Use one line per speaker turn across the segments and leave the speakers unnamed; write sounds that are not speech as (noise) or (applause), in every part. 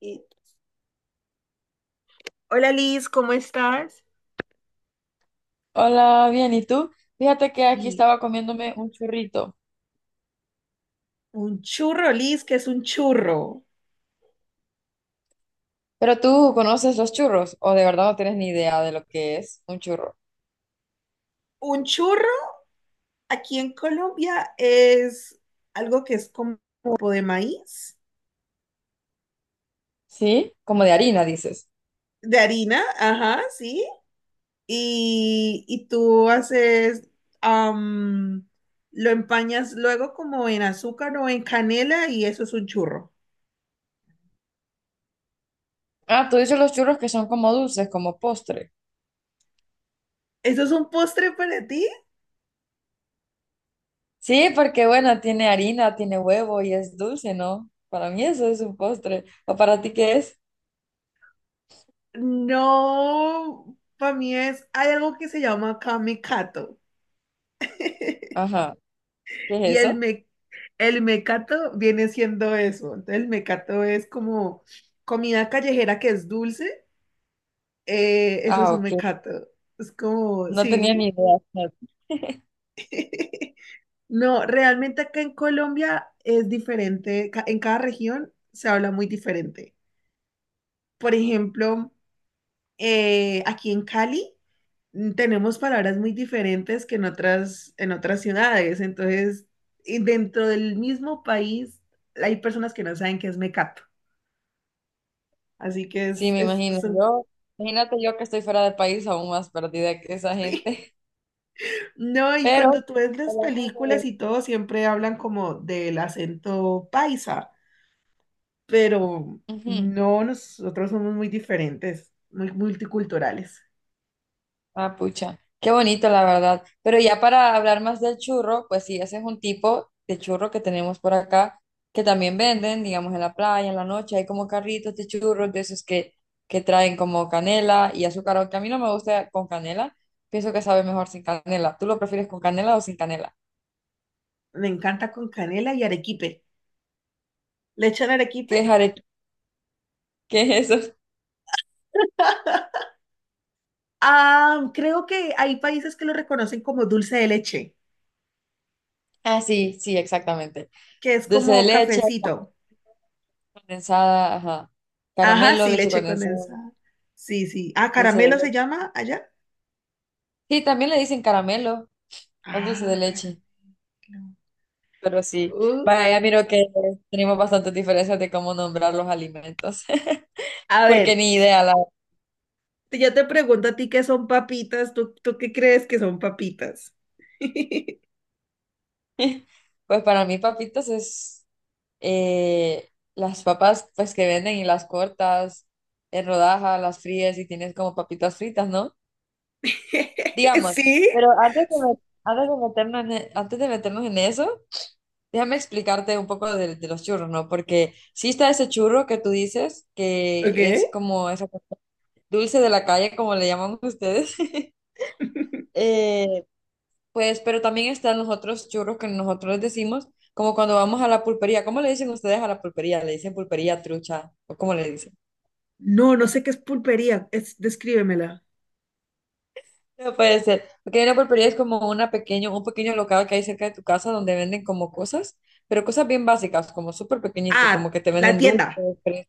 Y- Hola Liz, ¿cómo estás?
Hola, bien, ¿y tú? Fíjate que aquí
Sí,
estaba comiéndome un churrito.
un churro, Liz, ¿que es un churro?
¿Pero tú conoces los churros? ¿O de verdad no tienes ni idea de lo que es un churro?
Un churro aquí en Colombia es algo que es como tipo de maíz,
¿Sí? Como de harina, dices.
de harina, ajá, sí. Y tú haces, am, lo empañas luego como en azúcar o en canela y eso es un churro.
Ah, tú dices los churros que son como dulces, como postre.
¿Eso es un postre para ti?
Sí, porque bueno, tiene harina, tiene huevo y es dulce, ¿no? Para mí eso es un postre. ¿O para ti qué es?
No, para mí es, hay algo que se llama kamikato. (laughs)
Ajá, ¿qué
Y
es
el,
eso?
me, el mecato viene siendo eso. Entonces, el mecato es como comida callejera que es dulce. Eso es
Ah,
un
ok.
mecato. Es como,
No tenía ni
sí.
idea.
(laughs) No, realmente acá en Colombia es diferente. En cada región se habla muy diferente. Por ejemplo, aquí en Cali tenemos palabras muy diferentes que en en otras ciudades. Entonces, y dentro del mismo país hay personas que no saben qué es mecato. Así que
Sí, me imagino yo. Imagínate yo que estoy fuera del país aún más perdida que esa
(laughs) sí.
gente. (laughs)
No, y
Pero...
cuando tú ves las películas
hablando
y todo, siempre hablan como del acento paisa, pero
Ujú.
no, nosotros somos muy diferentes, muy multiculturales.
Ah, pucha, qué bonito la verdad. Pero ya para hablar más del churro, pues sí, ese es un tipo de churro que tenemos por acá, que también venden, digamos, en la playa, en la noche, hay como carritos de churros, que traen como canela y azúcar, aunque a mí no me gusta con canela, pienso que sabe mejor sin canela. ¿Tú lo prefieres con canela o sin canela?
Me encanta con canela y arequipe. ¿Le echan arequipe?
¿Qué es are... ¿Qué es eso?
Ah, creo que hay países que lo reconocen como dulce de leche,
Ah, sí, sí, exactamente.
que es
Dulce de
como
leche,
cafecito.
condensada, ajá.
Ajá,
Caramelo,
sí,
leche
leche
condensada,
condensada. Sí, sí. Ah,
dulce de
caramelo se
leche.
llama allá.
Sí, también le dicen caramelo. Un dulce de
Ah, caramelo.
leche, pero sí.
Uh,
Vaya, miro que tenemos bastantes diferencias de cómo nombrar los alimentos, (laughs)
A
porque
ver,
ni idea.
yo te pregunto a ti qué son papitas, ¿tú qué crees que son papitas? (laughs)
(laughs) Pues para mí papitas es las papas pues que venden y las cortas en rodajas, las fríes y tienes como papitas fritas, ¿no? Digamos,
¿Sí?
pero antes de meternos en eso, déjame explicarte un poco de los churros, ¿no? Porque sí está ese churro que tú dices
Ok.
que es como dulce de la calle, como le llaman ustedes. (laughs) Eh, pues, pero también están los otros churros que nosotros decimos, como cuando vamos a la pulpería. ¿Cómo le dicen ustedes a la pulpería? ¿Le dicen pulpería, trucha? ¿O cómo le dicen?
No, no sé qué es pulpería, es, descríbemela.
No puede ser. Porque una pulpería es como un pequeño local que hay cerca de tu casa donde venden como cosas, pero cosas bien básicas, como súper pequeñito, como
Ah,
que te
la
venden dulces.
tienda.
fres-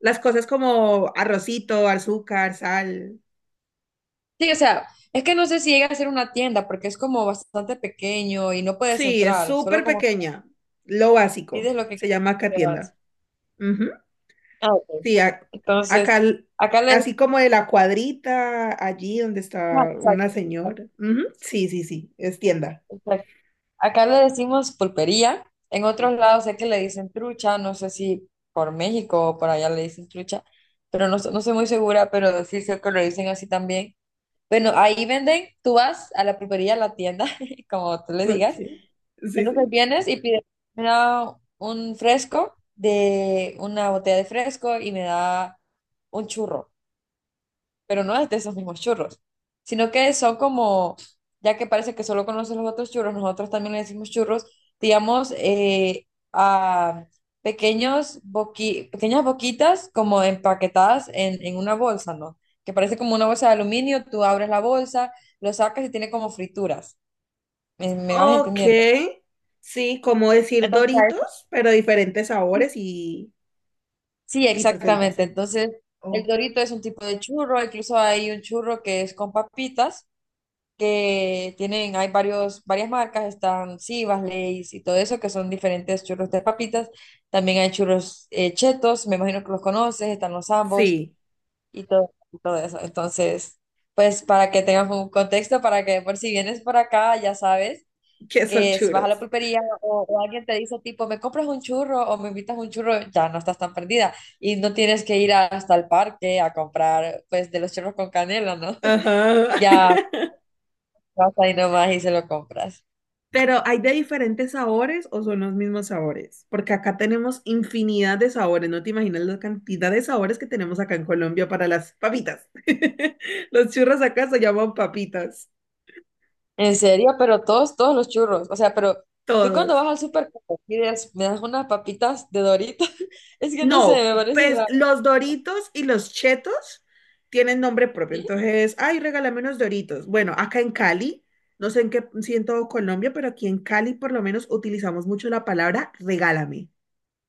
Las cosas como arrocito, azúcar, sal.
Sí, o sea, es que no sé si llega a ser una tienda porque es como bastante pequeño y no puedes
Sí, es
entrar, solo
súper
como
pequeña. Lo
pides
básico.
lo que
Se llama acá
te vas.
tienda. Ujú.
Ah, ok.
Sí,
Entonces,
acá,
acá le
así como de la cuadrita, allí donde
decimos,
está una
exacto, exacto,
señora. Ujú. Sí, sí, sí, es tienda.
exacto. Acá le decimos pulpería. En otros lados sé que le dicen trucha, no sé si por México o por allá le dicen trucha, pero no, no soy muy segura, pero sí sé que lo dicen así también. Bueno, ahí venden, tú vas a la pulpería, a la tienda, (laughs) como tú le
Ok,
digas.
sí,
Entonces
sí.
vienes y pides, me da un fresco de una botella de fresco y me da un churro. Pero no es de esos mismos churros, sino que son como, ya que parece que solo conoces los otros churros, nosotros también le decimos churros, digamos, a pequeñas boquitas como empaquetadas en una bolsa, ¿no? Que parece como una bolsa de aluminio, tú abres la bolsa, lo sacas y tiene como frituras. ¿Me vas
Ok,
entendiendo?
sí, como decir Doritos, pero diferentes sabores
Sí,
y
exactamente.
presentación.
Entonces, el
Oh,
dorito es un tipo de churro, incluso hay un churro que es con papitas que tienen, varias marcas, están Sivas, Lay's y todo eso, que son diferentes churros de papitas. También hay churros chetos, me imagino que los conoces, están los ambos
sí,
y todo eso. Entonces, pues para que tengas un contexto, para que por si vienes por acá, ya sabes
que son
vas a la
churros.
pulpería o alguien te dice tipo, me compras un churro o me invitas un churro, ya no estás tan perdida y no tienes que ir hasta el parque a comprar pues de los churros con canela, ¿no? (laughs)
Ajá.
Ya
(laughs)
vas ahí nomás y se lo compras.
Pero ¿hay de diferentes sabores o son los mismos sabores? Porque acá tenemos infinidad de sabores, no te imaginas la cantidad de sabores que tenemos acá en Colombia para las papitas. (laughs) Los churros acá se llaman papitas,
En serio, pero todos, todos los churros. O sea, pero tú cuando
todos.
vas al súper, ¿cómo pides? Me das unas papitas de Doritos. (laughs) Es que no sé,
No,
me parece
pues
raro.
los Doritos y los Chetos tienen nombre propio.
¿Sí?
Entonces, ay, regálame unos Doritos. Bueno, acá en Cali, no sé en qué, si en todo Colombia, pero aquí en Cali por lo menos utilizamos mucho la palabra regálame.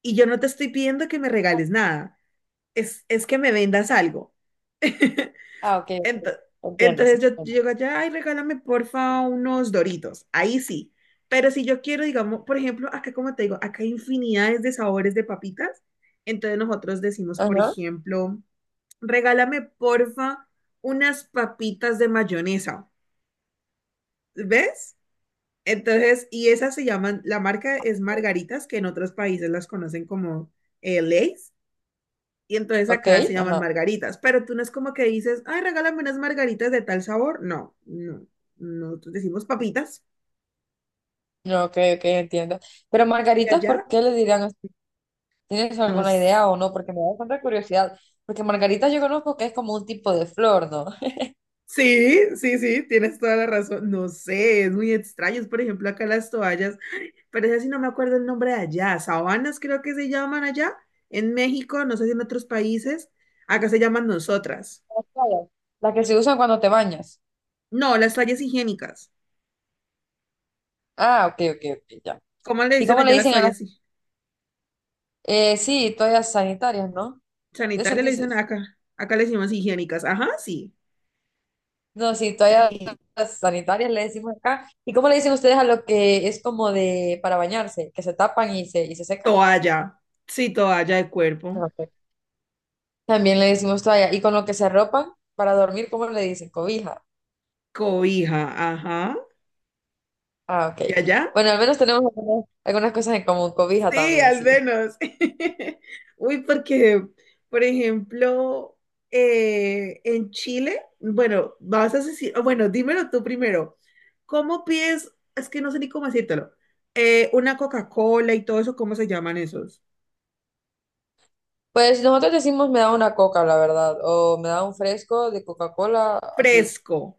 Y yo no te estoy pidiendo que me regales nada, es que me vendas algo. (laughs)
Ah, ok, ok,
Ento-
entiendo, sí,
Entonces yo
entiendo.
llego allá, ay, regálame porfa unos Doritos. Ahí sí. Pero si yo quiero, digamos, por ejemplo, acá como te digo, acá hay infinidades de sabores de papitas. Entonces nosotros decimos, por
Ajá,
ejemplo, regálame porfa unas papitas de mayonesa. ¿Ves? Entonces, y esas se llaman, la marca es Margaritas, que en otros países las conocen como Lay's. Y entonces
ok,
acá se llaman
ajá.
margaritas, pero tú no es como que dices, ay, regálame unas margaritas de tal sabor. No, no, nosotros decimos papitas
No, ok, ok, entiendo. Pero
y
margaritas, ¿por
allá
qué le dirán así? ¿Tienes alguna
nos...
idea o no? Porque me da bastante curiosidad. Porque margaritas yo conozco que es como un tipo de flor, ¿no? (laughs)
Sí, sí, sí, tienes toda la razón. No sé, es muy extraño. Es, por ejemplo, acá las toallas, ay, pero es así, no me acuerdo el nombre de allá. Sabanas creo que se llaman allá, en México, no sé si en otros países. Acá se llaman nosotras.
Claro, las que se usan cuando te bañas.
No, las toallas higiénicas.
Ah, ok, ok, ok, ya.
¿Cómo le
¿Y
dicen
cómo le
allá las
dicen a las...
toallas? Sí.
Sí, toallas sanitarias, ¿no? Esas
Sanitarias le dicen
dices.
acá. Acá le decimos higiénicas. Ajá, sí.
No, sí, toallas sanitarias le decimos acá. ¿Y cómo le dicen ustedes a lo que es como de para bañarse, que se tapan y y se secan?
Toalla. Sí, toalla de
Ah,
cuerpo.
ok. También le decimos toalla. ¿Y con lo que se arropan para dormir, cómo le dicen? Cobija.
Cobija, ajá.
Ah, ok.
¿Y allá?
Bueno, al menos tenemos algunas cosas en común. Cobija
Sí,
también,
al
sí.
menos. (laughs) Uy, porque, por ejemplo, en Chile, bueno, vas a decir, o bueno, dímelo tú primero. ¿Cómo pides? Es que no sé ni cómo decírtelo. Una Coca-Cola y todo eso, ¿cómo se llaman esos?
Pues nosotros decimos me da una coca, la verdad, o me da un fresco de Coca-Cola, así.
Fresco.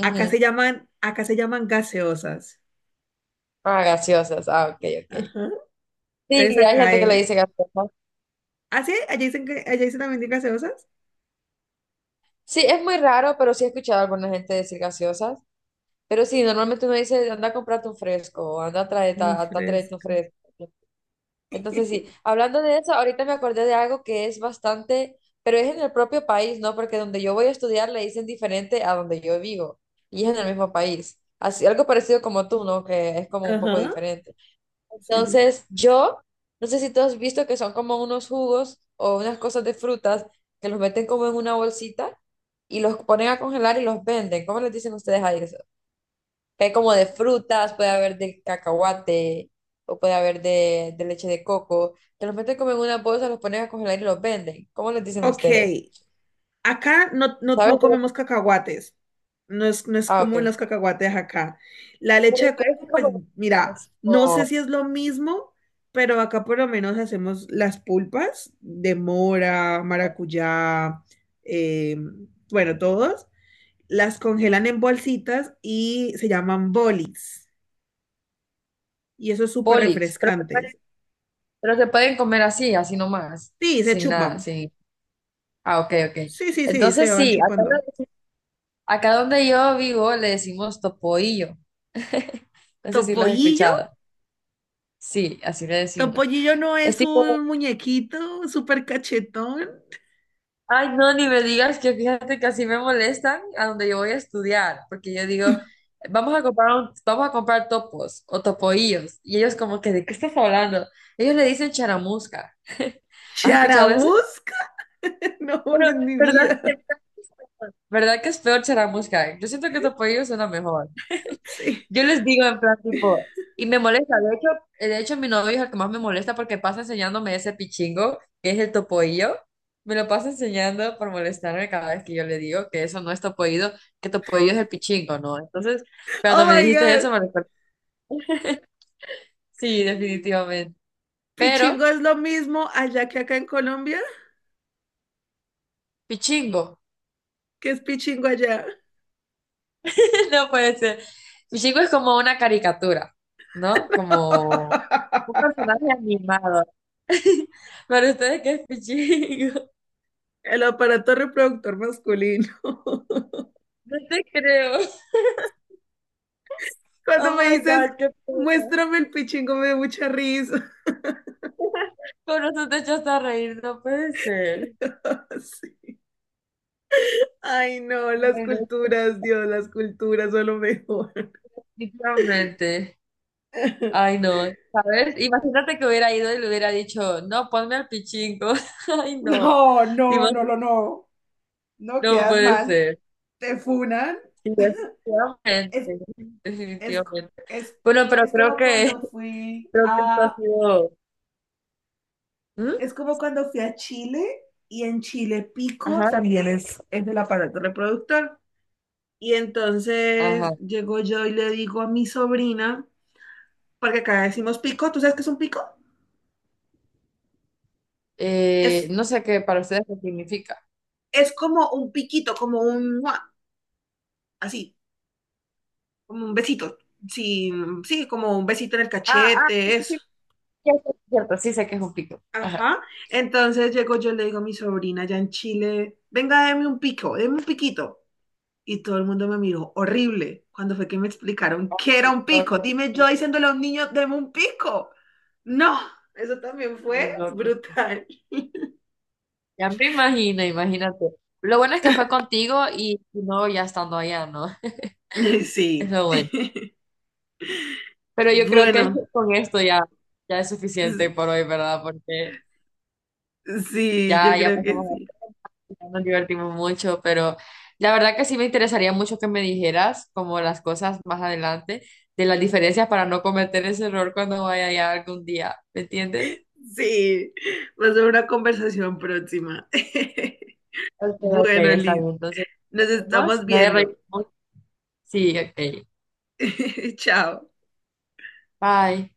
Acá se llaman gaseosas.
Ah, gaseosas. Ah, ok, ok.
Ajá. Entonces
Sí, hay
acá
gente que le
es.
dice gaseosa.
¿Ah, sí? Allá dicen también de gaseosas?
Sí, es muy raro, pero sí he escuchado a alguna gente decir gaseosas. Pero sí, normalmente uno dice, anda a comprarte un fresco, o
No
anda a traerte un
fresca.
fresco. Entonces sí, hablando de eso, ahorita me acordé de algo que es bastante, pero es en el propio país, ¿no? Porque donde yo voy a estudiar le dicen diferente a donde yo vivo, y es en el mismo país. Así, algo parecido como tú, ¿no? Que es como un poco
Ajá,
diferente.
sí, sí.
Entonces, no sé si tú has visto que son como unos jugos o unas cosas de frutas que los meten como en una bolsita y los ponen a congelar y los venden. ¿Cómo les dicen ustedes a eso? Que hay como de frutas, puede haber de cacahuate o puede haber de leche de coco, que los meten como en una bolsa, los ponen a congelar y los venden. ¿Cómo les dicen
Ok,
ustedes?
acá no, no, no
¿Sabes?
comemos cacahuates. No es, no es
Ah,
común
ok.
los cacahuates acá. La leche
Pero
de
es
coco, pues
como
mira, no sé
o
si es lo mismo, pero acá por lo menos hacemos las pulpas de mora, maracuyá, eh, bueno, todos. Las congelan en bolsitas y se llaman bolis. Y eso es súper
bolix, pero
refrescantes.
pero se pueden comer así, así nomás,
Sí, se
sin nada,
chupan.
sin... Ah, ok, ok.
Sí, sí, sí,
Entonces
se van
sí, acá,
chupando.
lo- acá donde yo vivo le decimos topoillo. (laughs) No sé si lo has
Topollillo.
escuchado. Sí, así le decimos.
Topollillo no
Es
es
tipo,
un muñequito súper cachetón.
ay, no, ni me digas que fíjate que así me molestan a donde yo voy a estudiar, porque yo digo, vamos a comprar topos o topoillos. Y ellos como que, ¿de qué estás hablando? Ellos le dicen charamusca. (laughs) ¿Has escuchado eso?
Charamusca. (laughs) No, no,
Pero,
en mi
¿verdad que,
vida.
verdad que es peor charamusca? Yo siento que topoillo suena mejor.
Sí.
Yo les digo en plan tipo, y me molesta, de hecho mi novio es el que más me molesta porque pasa enseñándome ese pichingo, que es el topoillo, me lo pasa enseñando por molestarme cada vez que yo le digo que eso no es topoillo, que topoillo es el pichingo, ¿no? Entonces,
Oh
cuando me
my
dijiste
God.
eso, me recordé. (laughs) Sí, definitivamente. Pero,
Pichingo es lo mismo allá que acá en Colombia.
pichingo,
¿Qué es pichingo allá?
(laughs) no puede ser. Pichingo es como una caricatura, ¿no? Como un
(laughs)
personaje animado. Para ustedes, ¿qué es pichingo? (laughs)
El aparato reproductor masculino. (laughs)
No te creo.
Cuando
Oh
me
my
dices,
God, qué pena.
muéstrame el pichingo, me da mucha risa.
Pero eso te echaste a reír, no puede ser.
(laughs) Sí. Ay, no, las
Ay, no,
culturas, Dios, las culturas son lo mejor.
definitivamente. Ay,
(laughs)
no. ¿Sabes? Imagínate que hubiera ido y le hubiera dicho, no, ponme al pichingo. (laughs) Ay, no.
No, no,
Te
no,
imag-
no, no. No
No
quedas
puede
mal,
ser.
te funan.
Sí, definitivamente.
Es, es,
Definitivamente.
es,
Bueno, pero
es como cuando
(laughs)
fui
creo que esto ha sido. ¿Mm?
es como cuando fui a Chile y en Chile Pico
Ajá.
también es del aparato reproductor. Y entonces
Ajá.
llego yo y le digo a mi sobrina, porque acá decimos pico, ¿tú sabes qué es un pico? Es,
No sé qué para ustedes qué significa.
es como un piquito, como un, ¡mua! Así, como un besito. Sí, sí, como un besito en el
Ah, ah, sí,
cachete,
sí,
eso.
sí, ya cierto, sí sé que es un pico. Ajá.
Ajá. Entonces llego yo, le digo a mi sobrina allá en Chile, venga, deme un pico, deme un piquito. Y todo el mundo me miró horrible cuando fue que me explicaron qué era un
Ok.
pico. Dime yo diciéndole a un niño, deme un pico. No, eso también
Ay,
fue
no, no.
brutal.
Ya me imagino, imagínate. Lo bueno es que fue contigo y no ya estando allá, ¿no? (laughs)
(laughs)
Es
Sí,
lo bueno. Pero yo creo que
bueno,
con esto ya, ya, es suficiente
s-
por hoy, ¿verdad? Porque
sí, yo
ya
creo que
pasamos,
sí.
ya nos divertimos mucho, pero la verdad que sí me interesaría mucho que me dijeras como las cosas más adelante, de las diferencias para no cometer ese error cuando vaya allá algún día, ¿me entiendes?
Sí, va a ser una conversación próxima. (laughs)
Ok, ok,
Bueno,
está
Liz,
bien. Entonces,
nos
nos vemos.
estamos
Me he reído
viendo.
mucho. Sí, ok.
(laughs) Chao.
Bye.